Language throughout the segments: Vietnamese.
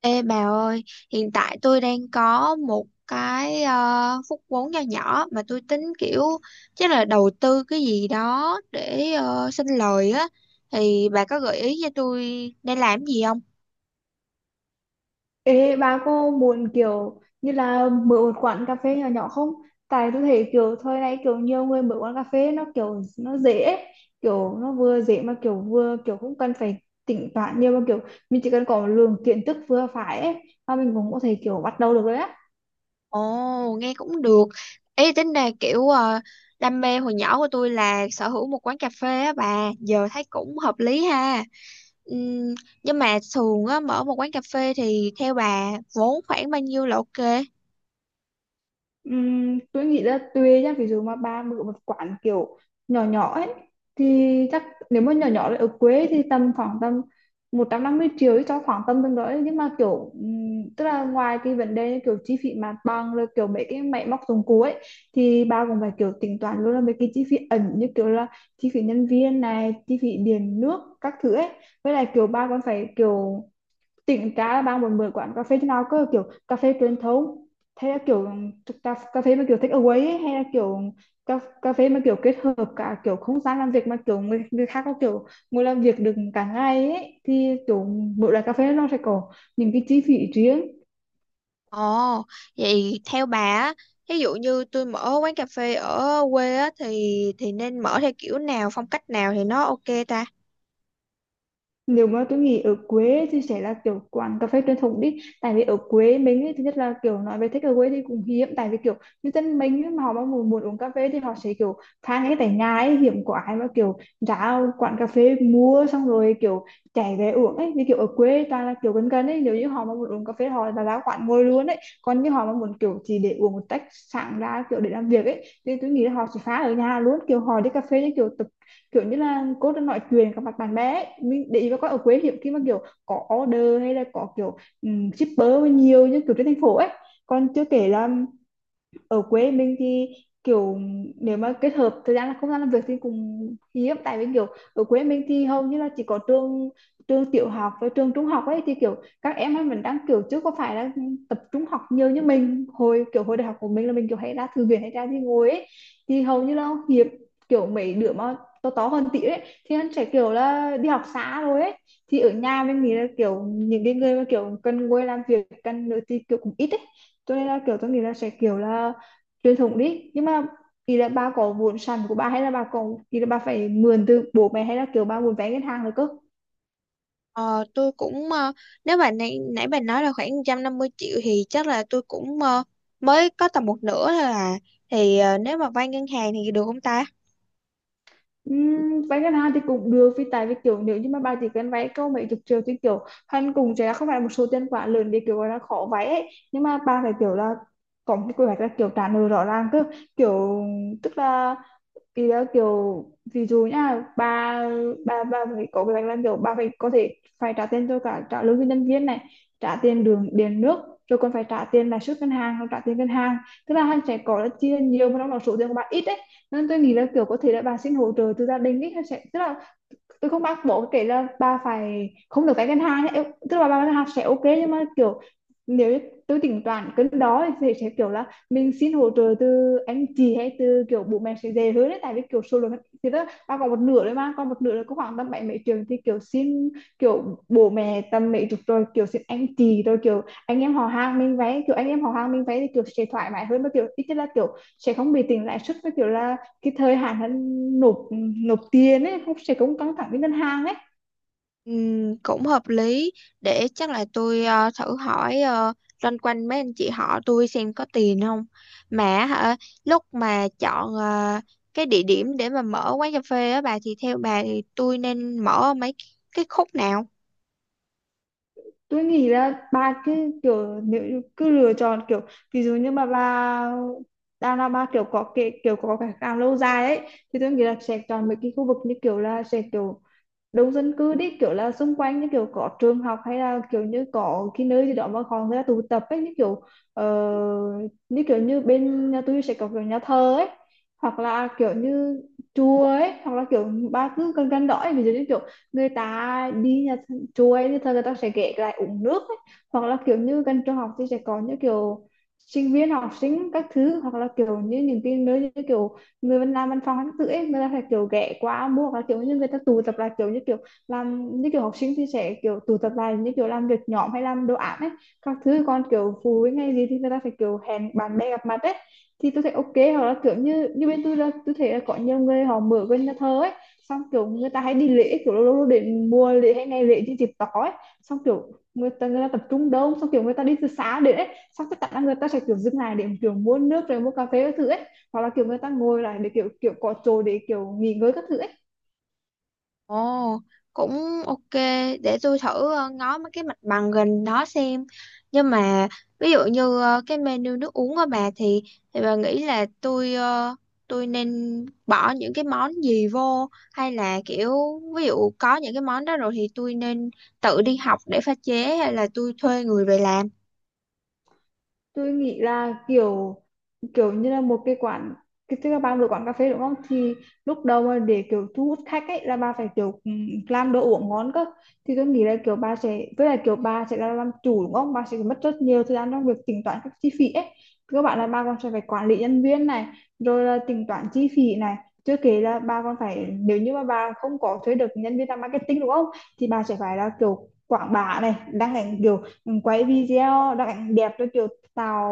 Ê bà ơi, hiện tại tôi đang có một cái phút vốn nho nhỏ mà tôi tính kiểu chắc là đầu tư cái gì đó để sinh lời á, thì bà có gợi ý cho tôi nên làm gì không? Ê, bà có muốn kiểu như là mở một quán cà phê nhỏ nhỏ không? Tại tôi thấy kiểu thời này kiểu nhiều người mở quán cà phê nó kiểu nó dễ ấy. Kiểu nó vừa dễ mà kiểu vừa kiểu không cần phải tính toán nhiều mà kiểu mình chỉ cần có lượng kiến thức vừa phải ấy mà mình cũng có thể kiểu bắt đầu được đấy á. Ồ, nghe cũng được. Ý tính là kiểu đam mê hồi nhỏ của tôi là sở hữu một quán cà phê á bà, giờ thấy cũng hợp lý ha. Ừm, nhưng mà thường á mở một quán cà phê thì theo bà vốn khoảng bao nhiêu là ok? Tôi nghĩ là tùy nhá, ví dụ mà ba mở một quán kiểu nhỏ nhỏ ấy thì chắc nếu mà nhỏ nhỏ là ở quê thì tầm khoảng tầm 150 triệu ấy, cho khoảng tầm tương đối, nhưng mà kiểu tức là ngoài cái vấn đề kiểu chi phí mặt bằng rồi kiểu mấy cái máy móc dụng cụ ấy thì ba cũng phải kiểu tính toán luôn là mấy cái chi phí ẩn như kiểu là chi phí nhân viên này, chi phí điện nước các thứ ấy. Với lại kiểu ba còn phải kiểu tỉnh ra là bạn muốn mở quán cà phê thế nào, có kiểu cà phê truyền thống, hay là kiểu cà phê mà kiểu take away ấy, hay là kiểu cà phê mà kiểu kết hợp cả kiểu không gian làm việc mà kiểu người khác có kiểu ngồi làm việc được cả ngày ấy, thì kiểu mỗi loại cà phê nó sẽ có những cái chi phí riêng. Ồ, vậy theo bà á, ví dụ như tôi mở quán cà phê ở quê á, thì nên mở theo kiểu nào, phong cách nào thì nó ok ta? Nếu mà tôi nghĩ ở quê thì sẽ là kiểu quán cà phê truyền thống đi, tại vì ở quê mình ấy, thứ nhất là kiểu nói về thích ở away thì cũng hiếm, tại vì kiểu như dân mình ấy, mà họ mà muốn uống cà phê thì họ sẽ kiểu pha ngay tại nhà ấy, hiếm có ai mà kiểu ra quán cà phê mua xong rồi kiểu chạy về uống ấy, vì kiểu ở quê toàn là kiểu gần gần ấy, nếu như họ mà muốn uống cà phê họ là ra quán ngồi luôn ấy. Còn như họ mà muốn kiểu chỉ để uống một tách sáng ra kiểu để làm việc ấy thì tôi nghĩ là họ sẽ pha ở nhà luôn, kiểu họ đi cà phê như kiểu kiểu như là cô đang nói chuyệnกับmặt bạn bè ấy. Mình để ý mà coi, ở quê hiếm khi mà kiểu có order hay là có kiểu shipper nhiều như kiểu trên thành phố ấy. Còn chưa kể là ở quê mình thì kiểu nếu mà kết hợp thời gian là không gian làm việc thì cũng hiếm, tại vì kiểu ở quê mình thì hầu như là chỉ có trường trường tiểu học và trường trung học ấy, thì kiểu các em ấy mình đang kiểu chứ có phải là tập trung học nhiều như mình hồi kiểu hồi đại học của mình là mình kiểu hay ra thư viện hay ra đi ngồi ấy, thì hầu như là hiếm kiểu mấy đứa mà to to hơn tí ấy thì anh sẽ kiểu là đi học xa rồi ấy. Thì ở nhà mình nghĩ là kiểu những cái người mà kiểu cần ngồi làm việc cần nữa thì kiểu cũng ít ấy, cho nên là kiểu tôi nghĩ là sẽ kiểu là truyền thống đi. Nhưng mà thì là bà có vốn sẵn của bà hay là bà có, thì là bà phải mượn từ bố mẹ hay là kiểu bà muốn vay ngân hàng rồi cơ? Ờ, tôi cũng nếu mà nãy nãy bà nói là khoảng 150 triệu thì chắc là tôi cũng mới có tầm một nửa thôi à. Thì nếu mà vay ngân hàng thì được không ta? Vay ngân hàng thì cũng được, vì tại vì kiểu nếu như mà bà chỉ cần vay câu mấy chục triệu thì kiểu hắn cùng sẽ không phải là một số tiền quá lớn để kiểu gọi là khó vay ấy, nhưng mà bà phải kiểu là có một cái quy hoạch là kiểu trả nợ rõ ràng cơ, kiểu tức là vì đó kiểu ví dụ nha bà, bà phải có cái là kiểu bà phải có thể phải trả tiền cho cả trả lương cho nhân viên này, trả tiền đường điện nước, rồi còn phải trả tiền lãi suất ngân hàng rồi trả tiền ngân hàng. Tức là hàng sẽ có là chia nhiều mà trong đó số tiền của bà ít ấy, nên tôi nghĩ là kiểu có thể là bà xin hỗ trợ từ gia đình ấy. Hàng sẽ tức là tôi không bắt buộc kể là bà phải không được vay ngân hàng ấy, tức là bà vay ngân hàng sẽ ok, nhưng mà kiểu nếu như tôi tính toán cái đó thì sẽ kiểu là mình xin hỗ trợ từ anh chị hay từ kiểu bố mẹ sẽ dễ hơn đấy, tại vì kiểu số lượng thì đó bà còn một nửa đấy, mà còn một nửa là có khoảng tầm bảy mấy trường thì kiểu xin kiểu bố mẹ tầm mấy chục, rồi kiểu xin anh chị, rồi kiểu anh em họ hàng mình vay, kiểu anh em họ hàng mình vay thì kiểu sẽ thoải mái hơn và kiểu ít nhất là kiểu sẽ không bị tính lãi suất, với kiểu là cái thời hạn hắn nộp nộp tiền ấy không sẽ cũng căng thẳng với ngân hàng ấy. Cũng hợp lý, để chắc là tôi thử hỏi uh, loanh quanh mấy anh chị họ tôi xem có tiền không mà. Hả, lúc mà chọn cái địa điểm để mà mở quán cà phê á bà thì theo bà thì tôi nên mở mấy cái khúc nào? Tôi nghĩ là bà cứ kiểu nếu cứ lựa chọn kiểu, ví dụ như mà bà đang là bà kiểu có cái càng lâu dài ấy thì tôi nghĩ là sẽ chọn mấy cái khu vực như kiểu là sẽ kiểu đông dân cư đi, kiểu là xung quanh như kiểu có trường học hay là kiểu như có cái nơi gì đó mà còn người ta tụ tập ấy, như kiểu ờ, như kiểu như bên nhà tôi sẽ có kiểu nhà thờ ấy, hoặc là kiểu như chùa ấy, hoặc là kiểu ba cứ gần gần đó ấy. Ví dụ như kiểu người ta đi chùa ấy thì thờ người ta sẽ ghé lại uống nước ấy. Hoặc là kiểu như gần trường học thì sẽ có những kiểu sinh viên học sinh các thứ, hoặc là kiểu như những cái nơi như kiểu người mình làm văn phòng hắn tự ấy người ta phải kiểu ghé qua mua, và kiểu như người ta tụ tập lại kiểu như kiểu làm như kiểu học sinh thì sẽ kiểu tụ tập lại như kiểu làm việc nhóm hay làm đồ án ấy các thứ, còn kiểu phụ huynh hay gì thì người ta phải kiểu hẹn bạn bè gặp mặt ấy, thì tôi thấy ok. Hoặc là kiểu như như bên tôi là tôi thấy là có nhiều người họ mở bên nhà thờ ấy, xong kiểu người ta hay đi lễ kiểu lâu lâu để mua lễ hay ngày lễ trên dịp tỏ ấy, xong kiểu người ta tập trung đông, xong kiểu người ta đi từ sáng đến ấy, xong tất cả người ta sẽ kiểu dừng lại để kiểu mua nước rồi mua cà phê các thứ ấy, hoặc là kiểu người ta ngồi lại để kiểu kiểu có chỗ để kiểu nghỉ ngơi các thứ ấy. Ồ, cũng ok, để tôi thử ngó mấy cái mặt bằng gần đó xem. Nhưng mà ví dụ như cái menu nước uống của bà thì bà nghĩ là tôi tôi nên bỏ những cái món gì vô, hay là kiểu ví dụ có những cái món đó rồi thì tôi nên tự đi học để pha chế hay là tôi thuê người về làm. Tôi nghĩ là kiểu kiểu như là một cái quán, cái tức là bà mở quán cà phê đúng không, thì lúc đầu mà để kiểu thu hút khách ấy là bà phải kiểu làm đồ uống ngon cơ. Thì tôi nghĩ là kiểu bà sẽ, với lại kiểu bà sẽ là làm chủ đúng không, bà sẽ mất rất nhiều thời gian trong việc tính toán các chi phí ấy, các bạn là bà còn sẽ phải quản lý nhân viên này, rồi là tính toán chi phí này, chưa kể là bà còn phải nếu như mà bà không có thuê được nhân viên làm marketing đúng không, thì bà sẽ phải là kiểu quảng bá này, đăng ảnh kiểu quay video đăng ảnh đẹp cho kiểu tạo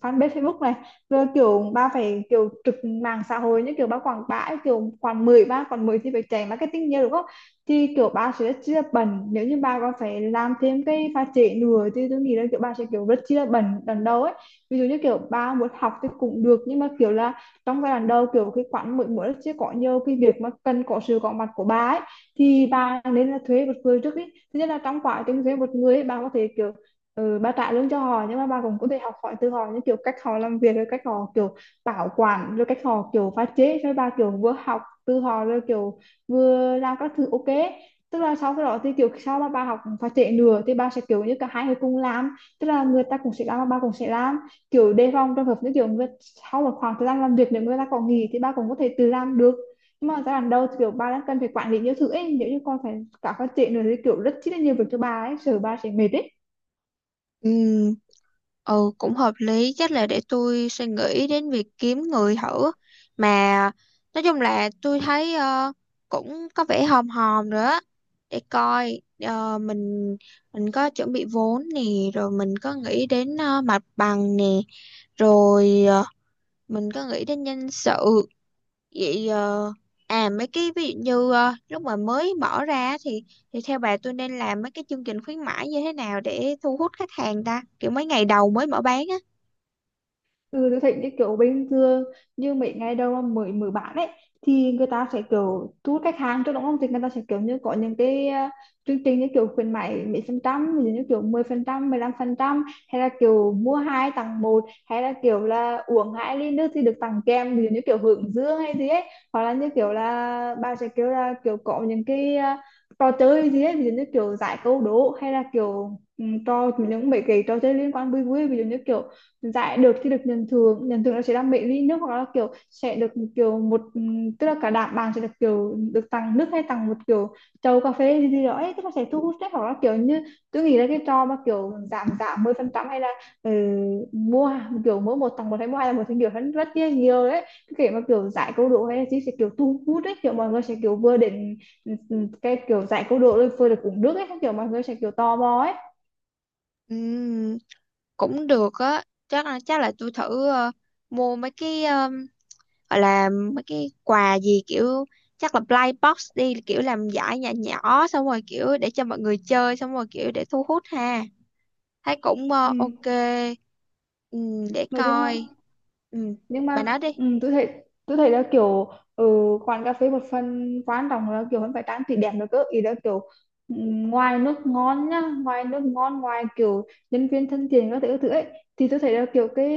fanpage Facebook này, rồi kiểu ba phải kiểu trực mạng xã hội như kiểu ba quảng bá ấy, kiểu khoảng 13 còn 10 thì phải chạy marketing nhiều đúng không, thì kiểu ba sẽ rất chi là bận, nếu như ba còn phải làm thêm cái pha trễ nữa thì tôi nghĩ là kiểu ba sẽ kiểu rất chi là bận lần đầu ấy. Ví dụ như kiểu ba muốn học thì cũng được, nhưng mà kiểu là trong giai đoạn đầu kiểu cái khoảng mỗi mỗi sẽ có nhiều cái việc mà cần có sự có mặt của bà ấy, thì ba nên là thuê một người trước đi. Thứ nhất là trong quá trình thuê một người ấy, bà có thể kiểu ba trả lương cho họ nhưng mà ba cũng có thể học hỏi từ họ những kiểu cách họ làm việc rồi cách họ kiểu bảo quản rồi cách họ kiểu pha chế, rồi ba kiểu vừa học từ họ rồi kiểu vừa làm các thứ ok. Tức là sau cái đó thì kiểu sau mà ba học pha chế nữa thì ba sẽ kiểu như cả hai người cùng làm, tức là người ta cũng sẽ làm và ba cũng sẽ làm, kiểu đề phòng trường hợp như kiểu người sau một khoảng thời gian làm việc nếu người ta có nghỉ thì ba cũng có thể tự làm được. Nhưng mà giai đoạn đầu thì kiểu ba đang cần phải quản lý nhiều thứ ấy, nếu như con phải cả phát triển nữa thì kiểu rất chi là nhiều việc cho ba ấy, sợ ba sẽ mệt ấy. Ừ. Ừ, cũng hợp lý, chắc là để tôi suy nghĩ đến việc kiếm người thử. Mà nói chung là tôi thấy cũng có vẻ hòm hòm nữa á, để coi mình có chuẩn bị vốn nè, rồi mình có nghĩ đến mặt bằng nè, rồi mình có nghĩ đến nhân sự. Vậy à mấy cái ví dụ như lúc mà mới mở ra thì theo bà tôi nên làm mấy cái chương trình khuyến mãi như thế nào để thu hút khách hàng ta, kiểu mấy ngày đầu mới mở bán á? Ừ, tôi thấy như kiểu bình thường, như mấy ngày đầu mà mới mở bán ấy thì người ta sẽ kiểu thu hút khách hàng trước đúng không, thì người ta sẽ kiểu như có những cái chương trình như kiểu khuyến mãi mấy phần trăm, ví dụ như kiểu 10%, 15%, hay là kiểu mua hai tặng một, hay là kiểu là uống hai ly nước thì được tặng kem, ví dụ như kiểu hướng dương hay gì ấy. Hoặc là như kiểu là bà sẽ kiểu là kiểu có những cái trò chơi gì ấy, ví dụ như kiểu giải câu đố hay là kiểu trò những mấy cái trò chơi liên quan vui vui, ví dụ như kiểu giải được thì được nhận thưởng, nhận thưởng là sẽ làm mấy ly nước, hoặc là kiểu sẽ được kiểu một tức là cả đám bạn sẽ được kiểu được tặng nước hay tặng một kiểu chầu cà phê gì gì đó ấy, tức là sẽ thu hút đấy. Hoặc là kiểu như tôi nghĩ là cái trò mà kiểu giảm giảm 10%, hay là ừ, mua kiểu mỗi một tặng một hay mua hai là một thì kiểu hơn rất là nhiều đấy, cái kiểu mà kiểu giải câu đố hay là gì sẽ kiểu thu hút đấy, kiểu mọi người sẽ kiểu vừa đến cái kiểu giải câu đố rồi vừa được uống nước ấy, kiểu mọi người sẽ kiểu tò mò ấy. Ừm, cũng được á, chắc là tôi thử mua mấy cái gọi là mấy cái quà gì, kiểu chắc là blind box đi, kiểu làm giải nhỏ nhỏ xong rồi kiểu để cho mọi người chơi xong rồi kiểu để thu hút ha, thấy cũng Ừ. Ok. Để Nói chung là, coi. Ừm, nhưng bà mà nói đi. Tôi thấy, tôi thấy là kiểu ừ, quán cà phê một phần quan trọng là kiểu vẫn phải trang trí đẹp nữa cơ, ý là kiểu ừ, ngoài nước ngon nhá, ngoài nước ngon, ngoài kiểu nhân viên thân thiện các thứ ấy, thì tôi thấy là kiểu cái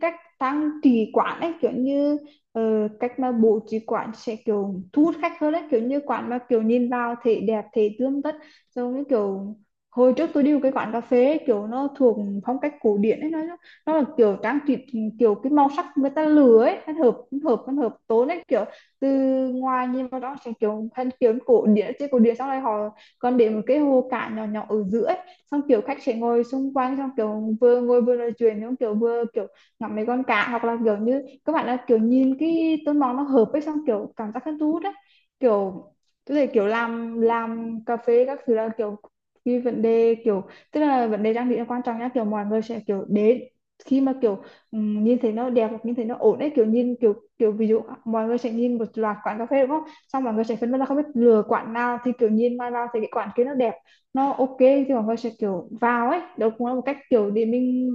cách trang trí quán ấy kiểu như cách mà bố trí quán sẽ kiểu thu hút khách hơn ấy, kiểu như quán mà kiểu nhìn vào thấy đẹp, thấy tươm tất, giống như kiểu hồi trước tôi đi một cái quán cà phê ấy, kiểu nó thuộc phong cách cổ điển ấy, nó là kiểu trang trí kiểu cái màu sắc người ta lừa ấy, nó hợp nó hợp nó hợp tốn ấy, kiểu từ ngoài nhìn vào đó sẽ kiểu thân kiểu cổ điển trên cổ điển, xong rồi họ còn để một cái hồ cả nhỏ nhỏ ở giữa ấy. Xong kiểu khách sẽ ngồi xung quanh, xong kiểu vừa ngồi vừa nói chuyện, xong kiểu vừa kiểu ngắm mấy con cá, hoặc là kiểu như các bạn là kiểu nhìn cái tôn màu nó hợp ấy, xong kiểu cảm giác hứng thú đấy, kiểu tức là kiểu làm cà phê các thứ là kiểu cái vấn đề kiểu, tức là vấn đề trang bị là quan trọng nhá, kiểu mọi người sẽ kiểu đến khi mà kiểu nhìn thấy nó đẹp hoặc nhìn thấy nó ổn ấy, kiểu nhìn kiểu kiểu ví dụ mọi người sẽ nhìn một loạt quán cà phê đúng không, xong mọi người sẽ phân vân là không biết lựa quán nào, thì kiểu nhìn mai vào thì cái quán kia nó đẹp, nó ok thì mọi người sẽ kiểu vào ấy, đó cũng là một cách kiểu để mình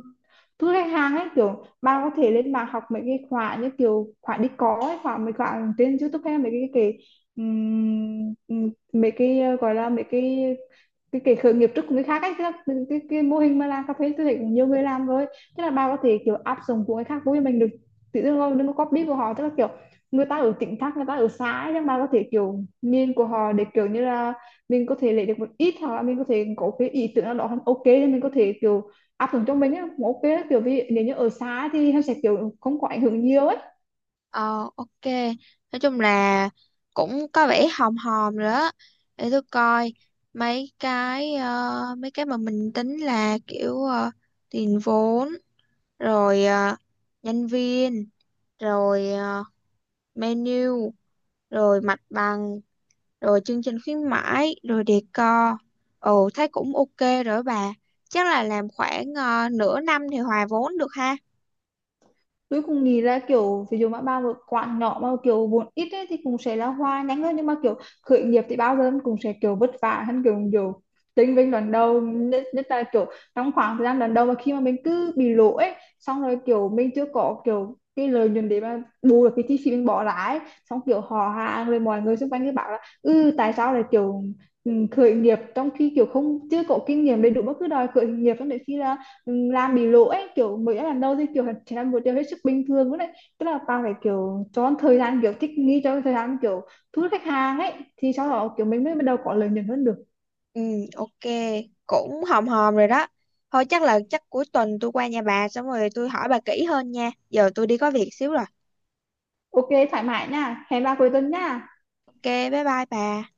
thu khách hàng ấy. Kiểu bạn có thể lên mạng học mấy cái khóa như kiểu khóa đi có ấy, khóa mấy khóa trên YouTube hay mấy cái ừm, mấy cái gọi là mấy cái cái khởi nghiệp trước của người khác ấy, cái mô hình mà làm cà phê tôi thấy cũng nhiều người làm rồi. Tức là bà có thể kiểu áp dụng của người khác với mình được, tự dưng rồi đừng có copy của họ, tức là kiểu người ta ở tỉnh khác, người ta ở xã ấy, nhưng bà có thể kiểu nhìn của họ để kiểu như là mình có thể lấy được một ít, hoặc là mình có thể có cái ý tưởng nào đó không ok thì mình có thể kiểu áp dụng cho mình á, ok á. Kiểu vì nếu như ở xã thì nó sẽ kiểu không có ảnh hưởng nhiều ấy. Ờ ok. Nói chung là cũng có vẻ hòm hòm rồi đó. Để tôi coi mấy cái mấy cái mà mình tính là kiểu tiền vốn, rồi nhân viên, rồi menu, rồi mặt bằng, rồi chương trình khuyến mãi, rồi decor. Ồ thấy cũng ok rồi đó bà. Chắc là làm khoảng nửa năm thì hòa vốn được ha. Tôi cũng nghĩ là kiểu ví dụ mà bao một quán nhỏ mà kiểu vốn ít ấy, thì cũng sẽ là hoa nhanh hơn, nhưng mà kiểu khởi nghiệp thì bao giờ cũng sẽ kiểu vất vả hơn kiểu kiểu tính bên đoạn đầu nhất, nhất là kiểu trong khoảng thời gian đoạn đầu mà khi mà mình cứ bị lỗ ấy, xong rồi kiểu mình chưa có kiểu cái lợi nhuận để mà bù được cái chi phí mình bỏ ra ấy, xong kiểu họ hàng rồi mọi người xung quanh cứ bảo là ừ tại sao lại kiểu khởi nghiệp trong khi kiểu không chưa có kinh nghiệm đầy đủ mà cứ đòi khởi nghiệp, xong đến khi là làm bị lỗ ấy kiểu mới làm đâu thì kiểu chỉ là một điều hết sức bình thường đấy, tức là tao phải kiểu cho thời gian kiểu thích nghi, cho thời gian kiểu thu hút khách hàng ấy, thì sau đó kiểu mình mới bắt đầu có lợi nhuận hơn được. Ừ, ok, cũng hòm hòm rồi đó. Thôi chắc là chắc cuối tuần tôi qua nhà bà xong rồi tôi hỏi bà kỹ hơn nha. Giờ tôi đi có việc xíu rồi. Ok thoải mái nha, hẹn ba cuối tuần nha. Ok, bye bye bà.